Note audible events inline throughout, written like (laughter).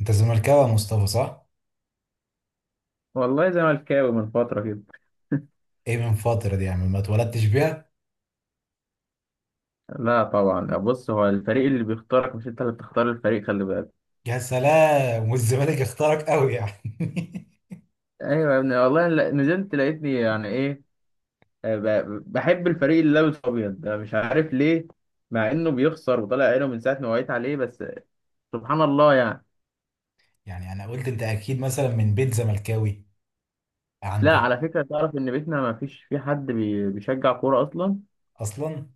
انت زملكاوي يا مصطفى، صح؟ والله زملكاوي من فترة كده. ايه من فترة دي، يعني ما اتولدتش بيها؟ لا طبعا، بص، هو الفريق اللي بيختارك مش انت اللي بتختار الفريق، خلي بالك. يا سلام (laughs) والزمالك اختارك قوي يعني. (laughs) ايوه يا ابني والله، نزلت لقيتني يعني ايه. بحب الفريق اللي لابس ابيض ده، مش عارف ليه. مع انه بيخسر وطالع عينه من ساعة ما وعيت عليه بس. سبحان الله يعني. يعني انا قلت انت اكيد مثلا من بيت زملكاوي لا، عندك. على فكرة، تعرف ان بيتنا ما فيش في حد بيشجع كورة اصلا. اصلا؟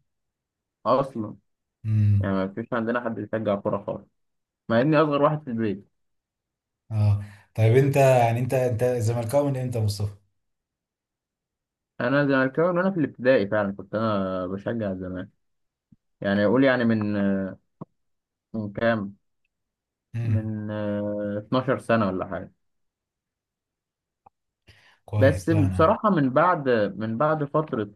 اصلا. امم. يعني ما فيش عندنا حد بيشجع كورة خالص، مع اني اصغر واحد في البيت. اه، طيب انت يعني انت زملكاوي من امتى يا مصطفى؟ انا زملكاوي من وانا في الابتدائي، فعلا كنت انا بشجع زمان. يعني اقول يعني من كام، امم، من 12 سنة ولا حاجة. كويس. بس لا انا، بصراحة من بعد فترة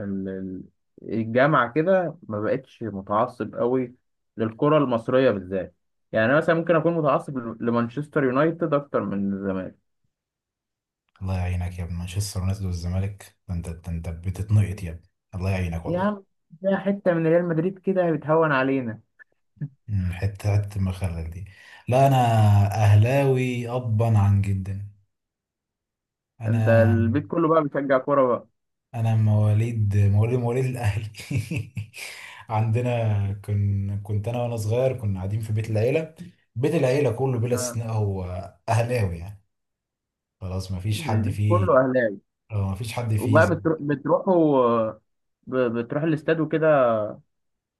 ال- ال- الجامعة كده ما بقتش متعصب قوي للكرة المصرية بالذات. يعني أنا مثلا ممكن أكون متعصب لمانشستر يونايتد أكتر من الزمالك. الله يعينك يا ابن مانشستر يونايتد والزمالك، ده انت، ده انت بتتنقط يا ابني. الله يعينك يا والله. عم، ده حتة من ريال مدريد كده بتهون علينا. امم، حتة حتة المخلل دي. لا انا اهلاوي ابا عن جدا. أنت انا البيت كله بقى بيشجع كورة بقى؟ انا مواليد الاهلي. (laughs) عندنا كنت انا وانا صغير كنا قاعدين في بيت العيله، بيت العيله كله بلا آه، استثناء هو اهلاوي يعني. خلاص ما فيش حد البيت فيه. كله أهلاوي. ما فيش حد فيه وبقى زي. بتروحوا، بتروح الاستاد وكده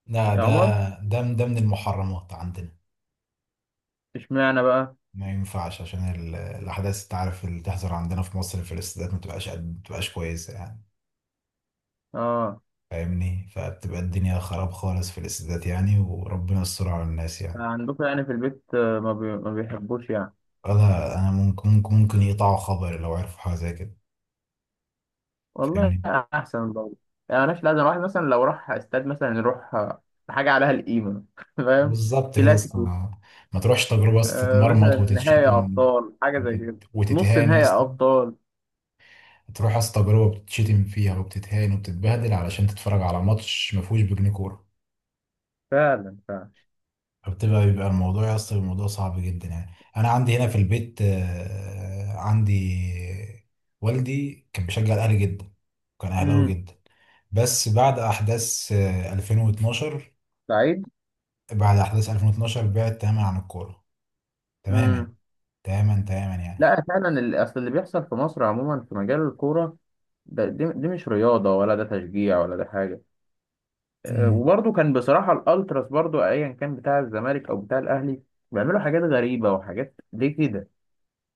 لا، يا ده عمر؟ ده من المحرمات عندنا. اشمعنى بقى؟ ما ينفعش عشان الاحداث انت عارف اللي تحصل عندنا في مصر في الاستادات، ما تبقاش قد ما تبقاش كويسه يعني، اه. فاهمني؟ فبتبقى الدنيا خراب خالص في الاستادات يعني، وربنا يستر على الناس يعني. عندكم يعني في البيت ما بيحبوش يعني. لا انا، ممكن يقطعوا خبر لو عرفوا حاجه زي كده، والله فاهمني؟ احسن برضه. يعني ملهاش لازمه، واحد مثلا لو راح استاد مثلا يروح حاجه عليها القيمه (laughs) فاهم؟ بالظبط كده، اصلا كلاسيكو. ما تروحش تجربه بس آه، تتمرمط مثلا نهائي وتتشتم، ابطال حاجه زي كده. نص وتتهان يا نهائي اسطى. ابطال. تروح اصلا تجربه بتتشتم فيها وبتتهان وبتتبهدل، علشان تتفرج على ماتش ما فيهوش بجنيه كوره. فعلا فعلا. بيبقى الموضوع يا اسطى، الموضوع صعب جدا يعني. انا عندي هنا في البيت، عندي والدي كان بيشجع الاهلي جدا، كان اهلاوي امم. جدا. بس بعد احداث 2012، سعيد. بعد أحداث 2012 بعد تماما عن الكورة. تماما، امم. تماما يعني. لا فعلا، اصل اللي بيحصل في مصر عموما في مجال الكوره ده، دي مش رياضه ولا ده تشجيع ولا ده حاجه. أمم. وبرضه كان بصراحة الالتراس، برضه ايا كان بتاع الزمالك او بتاع الاهلي، بيعملوا حاجات غريبة وحاجات ليه كده.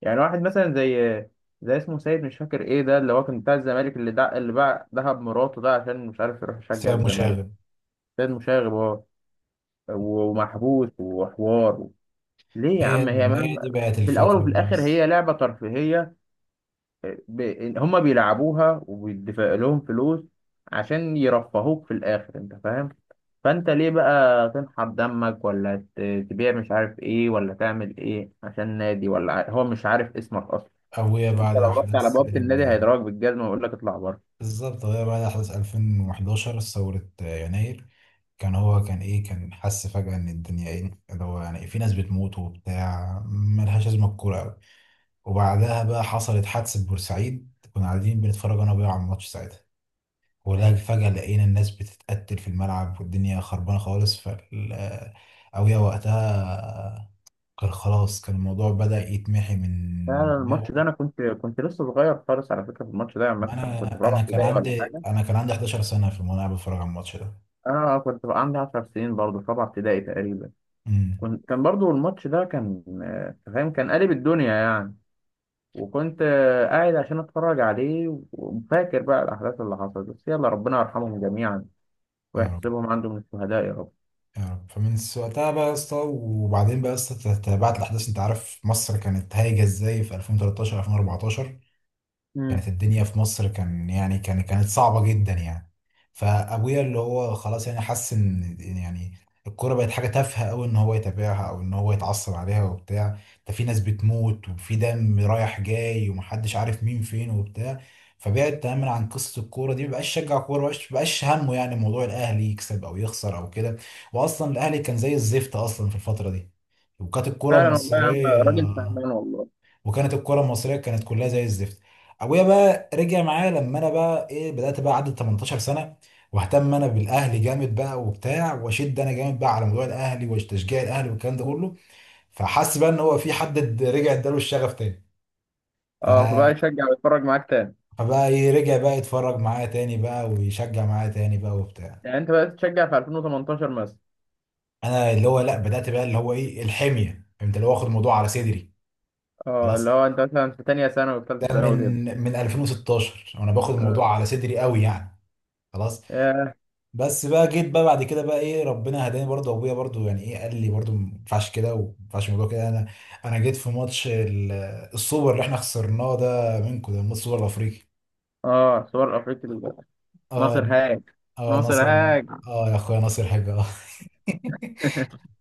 يعني واحد مثلا زي اسمه سيد مش فاكر ايه ده، اللي هو كان بتاع الزمالك، اللي باع ذهب مراته ده عشان مش عارف يروح يشجع بسبب الزمالك. مشاغب. سيد مشاغب هو، ومحبوس وحوار. ليه يا هي، عم؟ ما هي دي بقت في الاول الفكرة. وفي الاخر بس هي لعبة ترفيهية. ب... هم بيلعبوها وبيدفع لهم فلوس عشان يرفهوك في الاخر، انت فاهم. فانت ليه بقى تنحر دمك ولا تبيع مش عارف ايه، ولا تعمل ايه عشان نادي، ولا هو مش عارف اسمك اصلا. أو هي انت بعد لو رحت على أحداث بوابة النادي هيضربك بالجزمة ويقول لك اطلع بره. بالظبط، هي بعد أحداث 2011، ثورة يناير. كان هو كان إيه، كان حس فجأة إن الدنيا إيه اللي هو يعني، في ناس بتموت وبتاع، ملهاش لازمة الكورة أوي. وبعدها بقى حصلت حادثة بورسعيد، كنا قاعدين بنتفرج أنا وأبويا على الماتش ساعتها، ولا فجأة لقينا الناس بتتقتل في الملعب والدنيا خربانة خالص. فال أويا وقتها كان خلاص، كان الموضوع بدأ يتمحي من فعلا الماتش ده، دماغه. انا كنت لسه صغير خالص على فكرة في الماتش ده، يعني مثلا كنت في أنا رابعة أنا كان ابتدائي ولا عندي، حاجة. كان عندي 11 سنة في، وأنا قاعد بتفرج على الماتش ده. انا كنت بقى عندي 10 سنين برضه في رابعة ابتدائي تقريبا. امم. كنت، كان برضه الماتش ده كان فاهم كان قالب الدنيا يعني. وكنت قاعد عشان اتفرج عليه وفاكر بقى الاحداث اللي حصلت، بس يلا ربنا يرحمهم جميعا يا رب. ويحسبهم عنده من الشهداء يا رب. يا رب، وقتها بقى يا اسطى، وبعدين بقى يا اسطى تابعت الأحداث، أنت عارف مصر كانت هايجة إزاي في 2013، 2014. كانت امم. الدنيا في مصر كان يعني كان، كانت صعبة جدا يعني. فأبويا اللي هو خلاص يعني حس إن يعني الكورة بقت حاجة تافهة أوي، إن هو يتابعها أو إن هو يتعصب عليها وبتاع. ده في ناس بتموت، وفي دم رايح جاي، ومحدش عارف مين فين وبتاع. فبعد تماما عن قصة الكورة دي، مبقاش شجع كورة، مبقاش همه يعني موضوع الأهلي يكسب أو يخسر أو كده. وأصلا الأهلي كان زي الزفت أصلا في الفترة دي. وكانت الكرة فعلا والله يا عم، المصرية، راجل فهمان والله. وكانت الكره المصريه كانت كلها زي الزفت. ابويا بقى رجع معايا لما انا بقى ايه، بدات بقى عدت 18 سنه، واهتم انا بالاهلي جامد بقى وبتاع، واشد انا جامد بقى على موضوع الاهلي وتشجيع الاهلي والكلام ده مم. كله. فحس بقى ان هو في حد رجع اداله الشغف تاني. ف... اه، فبقى يشجع ويتفرج معاك تاني؟ فبقى ايه، رجع بقى يتفرج معايا تاني بقى، ويشجع معايا تاني بقى وبتاع. يعني انت بقى تشجع في 2018 مثلا؟ انا اللي هو لا، بدات بقى اللي هو ايه الحميه، فهمت، اللي هو واخد الموضوع على صدري. اه، خلاص، اللي هو انت مثلا في تانية ثانوي وثالثة ده من، ثانوي كده. من 2016 وانا باخد اه. الموضوع على صدري قوي يعني. خلاص. ياه. بس بقى جيت بقى بعد كده بقى ايه، ربنا هداني برضه، ابويا برضه يعني ايه قال لي برضه ما ينفعش كده، وما ينفعش الموضوع كده. انا جيت في ماتش السوبر اللي احنا خسرناه ده منكم، ده ماتش السوبر الافريقي. اه صور افريقيا دي. اه. ناصر هاج. اه ناصر ناصر. هاج. اه يا اخويا ناصر حاجه، اه. (laughs)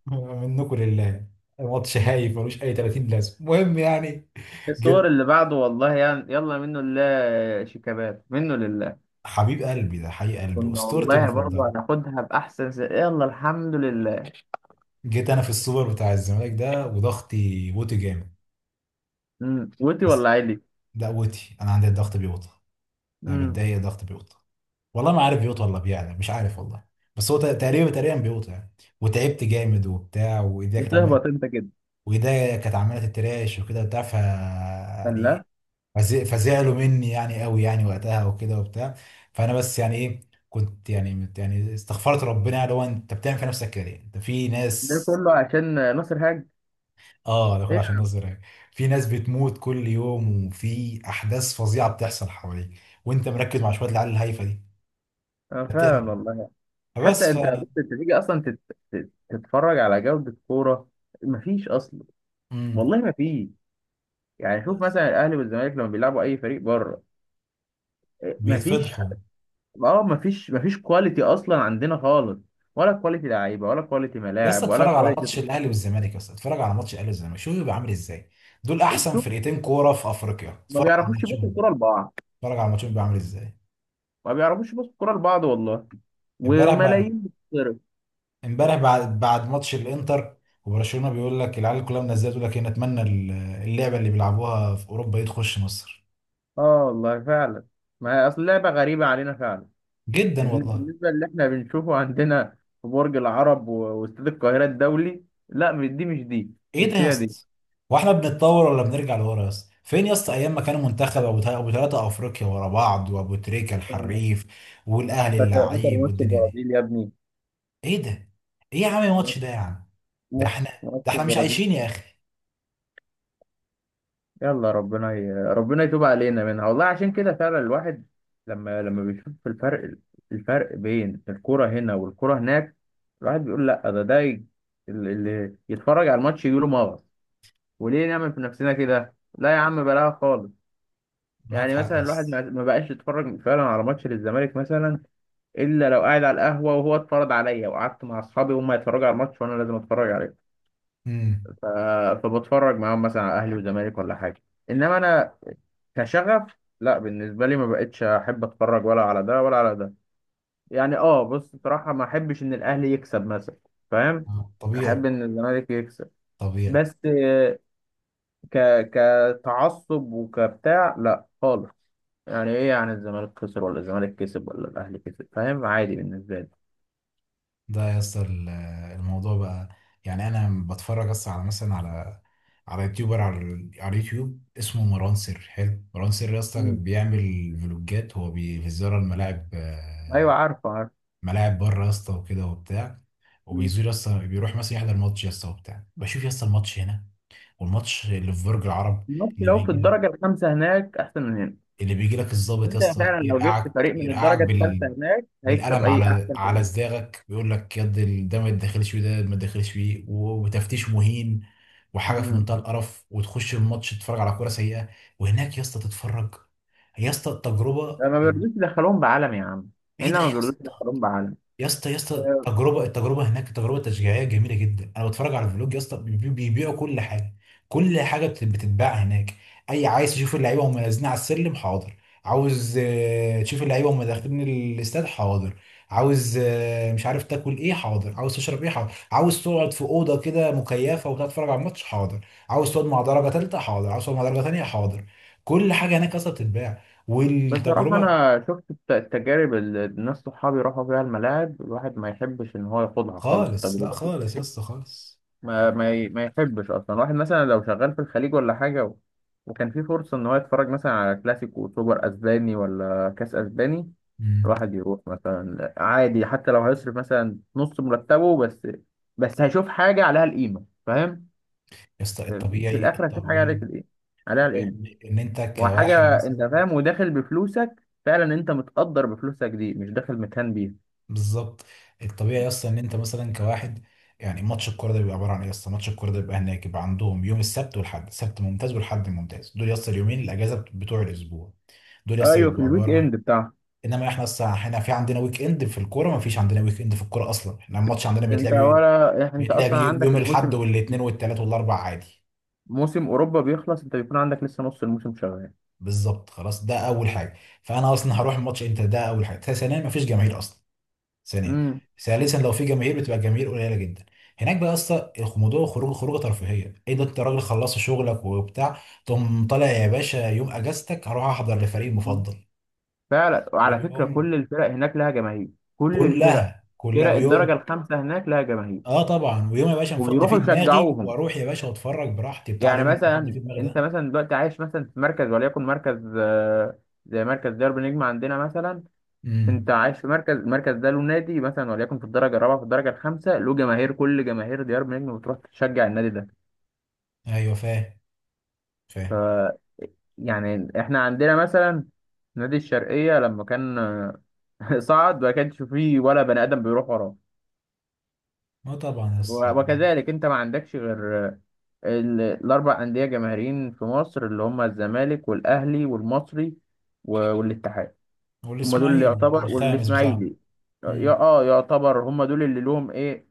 منكم لله. ماتش هايف ملوش اي 30 لازمه، المهم يعني. الصور جيت، اللي بعده والله يعني، يلا منه لله، شيكابات منه لله. حبيب قلبي ده، حقيق قلبي كنا اسطورتي والله برضه المفضله. هناخدها بأحسن يلا الحمد لله. جيت انا في السوبر بتاع الزمالك ده، وضغطي بوتي جامد. امم، وتي بس ولا عيلي؟ ده قوتي، انا عندي الضغط بيوطى. يعني امم. ده هي ضغط بيوت، والله ما عارف بيوت ولا بيعلى، مش عارف والله. بس هو تقريبا، بيوت يعني. وتعبت جامد وبتاع، وايديا كانت عماله، بتهبط انت كده؟ وايديا كانت عماله تتراش وكده بتاع، ف لا، يعني فزعلوا مني يعني قوي يعني وقتها وكده وبتاع. فانا بس يعني ايه، كنت يعني يعني استغفرت ربنا، يعني هو انت بتعمل في نفسك كده ليه؟ انت في ده ناس. كله عشان ناصر هاج. اه، ده كله ايه. عشان نظر يعني. في ناس بتموت كل يوم، وفي احداث فظيعه بتحصل حواليك، وانت مركز مع شويه العيال الهايفه دي. آه، بتعمل، فعلا والله. حتى فبس. انت بص، انت تيجي اصلا تت... تت- تتفرج على جودة كورة، مفيش اصلا. امم. والله مفيش. يعني شوف مثلا الاهلي والزمالك لما بيلعبوا اي فريق بره، إيه، مفيش. فبيتفضحوا. اه، مفيش كواليتي اصلا عندنا خالص، ولا كواليتي لعيبه ولا كواليتي يا اسطى ملاعب ولا اتفرج على كواليتي. ماتش الاهلي والزمالك، يا اسطى اتفرج على ماتش الاهلي والزمالك، شوف بيبقى عامل ازاي. دول احسن شوف، فرقتين كوره في افريقيا، ما اتفرج على بيعرفوش يبصوا ماتشهم، الكوره لبعض. اتفرج على ماتشهم بيبقى عامل ازاي. ما بيعرفوش يبصوا الكوره لبعض والله. امبارح بقى، وملايين بتتصرف. امبارح بعد ماتش الانتر وبرشلونه، بيقول لك العيال كلها منزله تقول لك ايه، نتمنى اللعبه اللي بيلعبوها في اوروبا دي تخش مصر. اه والله فعلا، ما هي اصل لعبه غريبه علينا فعلا. جدا والله. بالنسبه اللي احنا بنشوفه عندنا في برج العرب واستاد القاهره الدولي. لا، مش دي مش دي. ايه ده مش يا هي دي. اسطى؟ هو احنا بنتطور ولا بنرجع لورا يا اسطى؟ فين يا اسطى ايام ما كانوا منتخب ابو ابو ثلاثه افريقيا ورا بعض، وابو تريكه الحريف، والاهلي فاكر فاكر اللعيب ماتش والدنيا دي. البرازيل يا ابني؟ ايه ده؟ ايه يا عم الماتش ماتش ده يا عم؟ ده ماتش احنا ماتش ده احنا مش البرازيل. عايشين يا اخي. يلا ربنا يتوب علينا منها والله، عشان كده فعلا الواحد لما بيشوف الفرق، الفرق بين الكرة هنا والكرة هناك، الواحد بيقول لا، اللي يتفرج على الماتش يجيله مغص، وليه نعمل في نفسنا كده؟ لا يا عم بلاها خالص. معاك يعني حق مثلا يا الواحد اسطى. ما بقاش يتفرج فعلا على ماتش للزمالك مثلا الا لو قاعد على القهوة وهو اتفرج عليا، وقعدت مع اصحابي وهم يتفرجوا على الماتش وانا لازم اتفرج عليه. امم. ف... فبتفرج معاهم مثلا على اهلي وزمالك ولا حاجة، انما انا كشغف لا. بالنسبة لي ما بقتش احب اتفرج ولا على ده ولا على ده. يعني اه، بص بصراحة ما احبش ان الاهلي يكسب مثلا، فاهم. احب طبيعي. ان الزمالك يكسب، طبيعي. بس آه، ك كتعصب وكبتاع لا خالص. يعني ايه يعني الزمالك خسر ولا الزمالك كسب ولا الاهلي كسب؟ فاهم، عادي بالنسبة لي. ده يا اسطى الموضوع بقى، يعني انا بتفرج اصلا على مثلا على، يوتيوبر على على اليوتيوب اسمه مروان سر حلو، مروان سر يا اسطى، مم. بيعمل فلوجات، هو بيزور الملاعب، ايوه، عارفه عارفه. ملاعب بره يا اسطى وكده وبتاع. مم. وبيزور يا اسطى، بيروح مثلا يحضر ماتش يا اسطى وبتاع. بشوف يا اسطى الماتش هنا والماتش اللي في برج العرب. الماتش اللي لو في بيجي، الدرجة الخامسة هناك احسن من هنا. اللي بيجي لك الضابط يا انت اسطى فعلا لو جبت يرقعك، فريق من الدرجة بال، الثالثة هناك هيكسب بالقلم اي على، احسن فريق. صداعك، بيقول لك يد ده ما تدخلش فيه، ده ما تدخلش فيه وتفتيش مهين، وحاجه في مم. منتهى القرف. وتخش الماتش تتفرج على كوره سيئه. وهناك يا اسطى تتفرج، يا اسطى التجربه. لا، ما بيرضوش يدخلوهم بعلم يا عم. ايه هنا ده ما يا بيرضوش اسطى؟ يدخلوهم بعلم. يا اسطى، التجربه، هناك تجربه تشجيعيه جميله جدا. انا بتفرج على الفلوج يا اسطى، بيبيعوا كل حاجه، كل حاجه بتتباع هناك. اي عايز تشوف اللعيبه وهم نازلين على السلم، حاضر. عاوز تشوف اللعيبه وهم داخلين الاستاد، حاضر. عاوز مش عارف تاكل ايه، حاضر. عاوز تشرب ايه، حاضر. عاوز تقعد في اوضه كده مكيفه وتقعد تتفرج على الماتش، حاضر. عاوز تقعد مع درجه ثالثه، حاضر. عاوز تقعد مع درجه ثانيه، حاضر. كل حاجه هناك اصلا بتتباع. بصراحة والتجربه، أنا شفت التجارب اللي الناس صحابي راحوا فيها الملاعب، الواحد ما يحبش إن هو ياخدها خالص خالص. لا التجربة دي. خالص يا اسطى خالص. ما يحبش أصلا، واحد مثلا لو شغال في الخليج ولا حاجة وكان في فرصة إن هو يتفرج مثلا على كلاسيكو وسوبر أسباني ولا كأس أسباني، مم. الواحد يروح مثلا عادي حتى لو هيصرف مثلا نص مرتبه، بس بس هيشوف حاجة عليها القيمة فاهم. يا اسطى في الطبيعي، الآخر هيشوف حاجة الطبيعي، عليك الإيه، عليها الطبيعي القيمة. ان إن انت كواحد وحاجة انت مثلا. فاهم وداخل بفلوسك، فعلا انت متقدر بفلوسك دي، مش داخل متهان بيها. بالظبط. الطبيعي يا اسطى ان انت مثلا كواحد، يعني ماتش الكوره ده بيبقى عباره عن ايه يا اسطى؟ ماتش الكوره ده بيبقى هناك، يبقى عندهم يوم السبت والحد. السبت ممتاز والحد ممتاز، دول يا اسطى اليومين الاجازه بتوع الاسبوع، دول يا اسطى ايوه في بيبقوا الويك اند عباره. بتاعها. انما احنا اصلا احنا في عندنا ويك اند في الكوره، ما فيش عندنا ويك اند في الكوره اصلا، احنا الماتش عندنا انت ولا يعني، انت اصلا عندك يوم الاحد الموسم، والاثنين والثلاث والاربع عادي. موسم اوروبا بيخلص انت بيكون عندك لسه نص الموسم شغال. بالظبط. خلاص، ده اول حاجه. فانا اصلا هروح الماتش امتى؟ ده اول حاجه. ثانيا، ما فيش جماهير اصلا. ثانيا، امم. ثالثا، لو في جماهير بتبقى الجماهير قليله جدا. هناك بقى يا اسطى موضوع الخروج، خروجه ترفيهيه. ايه ده، انت راجل خلصت شغلك وبتاع، تقوم طالع يا باشا يوم اجازتك، هروح احضر لفريق المفضل. فعلا، وعلى فكرة ويوم، كل الفرق هناك لها جماهير. كل الفرق، كلها فرق الدرجة ويوم. الخامسة هناك لها جماهير اه طبعا، ويوم يا باشا مفضي فيه وبيروحوا دماغي، يشجعوهم. واروح يا باشا واتفرج براحتي بتاع، يعني اليوم اللي مفضي مثلا فيه دماغي انت ده. مثلا دلوقتي عايش مثلا في مركز، وليكن مركز زي مركز ديربي نجم عندنا مثلا. انت امم. عايش في مركز، المركز ده له نادي مثلا وليكن في الدرجه الرابعه في الدرجه الخامسه، له جماهير، كل جماهير ديار بنجم بتروح تشجع النادي ده. ايوه فاهم. ف فاهم. يعني احنا عندنا مثلا نادي الشرقيه لما كان (laughs) صعد ما كانش فيه ولا بني ادم بيروح وراه. ما طبعا يا اسطى. وكذلك انت ما عندكش غير الاربع انديه جماهيريين في مصر اللي هم الزمالك والاهلي والمصري والاتحاد. هم دول اللي والاسماعيلي يعتبر والخامس بتاعه. والاسماعيلي، يا امم. اه يعتبر هم دول اللي لهم ايه.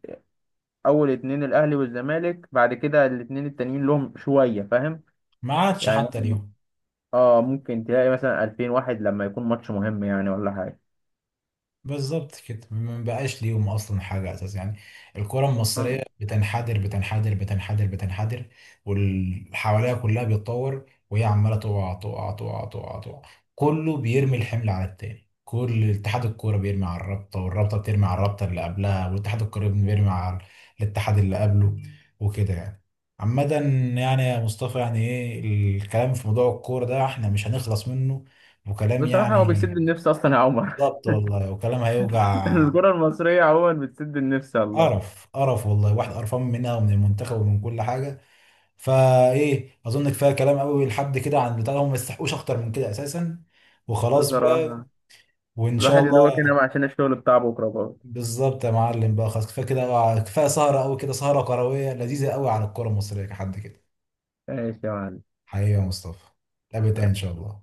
اول اتنين الاهلي والزمالك، بعد كده الاتنين التانيين لهم شويه فاهم. ما عادش يعني حتى مثلاً- اليوم. اه ممكن تلاقي مثلا 2000 واحد لما يكون ماتش مهم يعني ولا حاجه. بالظبط كده، ما بقاش ليهم اصلا حاجه اساس يعني. الكره آه. المصريه بتنحدر، بتنحدر. واللي حواليها كلها بيتطور، وهي عماله تقع تقع. كله بيرمي الحمل على التاني، كل اتحاد الكوره بيرمي على الرابطه، والرابطه بترمي على الرابطه اللي قبلها، والاتحاد الكوره بيرمي على الاتحاد اللي قبله، وكده يعني. عامة، يعني يا مصطفى يعني ايه، الكلام في موضوع الكورة ده احنا مش هنخلص منه، وكلام بصراحه هو يعني. بيسد النفس اصلا يا عمر. بالظبط والله، وكلام (laughs) هيوجع. الكره المصريه عموما بتسد النفس والله. قرف والله، واحد قرفان منها ومن المنتخب ومن كل حاجه. فايه، اظن كفايه كلام قوي لحد كده، عن بتاع هم ما يستحقوش اكتر من كده اساسا، وخلاص بقى. بصراحه وان شاء الواحد يدوبك الله. هنا عشان الشغل بتاع بكره برضه. بالظبط يا معلم، بقى خلاص كفايه كده بقى. كفايه سهره قوي كده، سهره كرويه لذيذه قوي على الكره المصريه كحد كده. ماشي يا حقيقي يا مصطفى، نتقابل تاني ان معلم. شاء الله.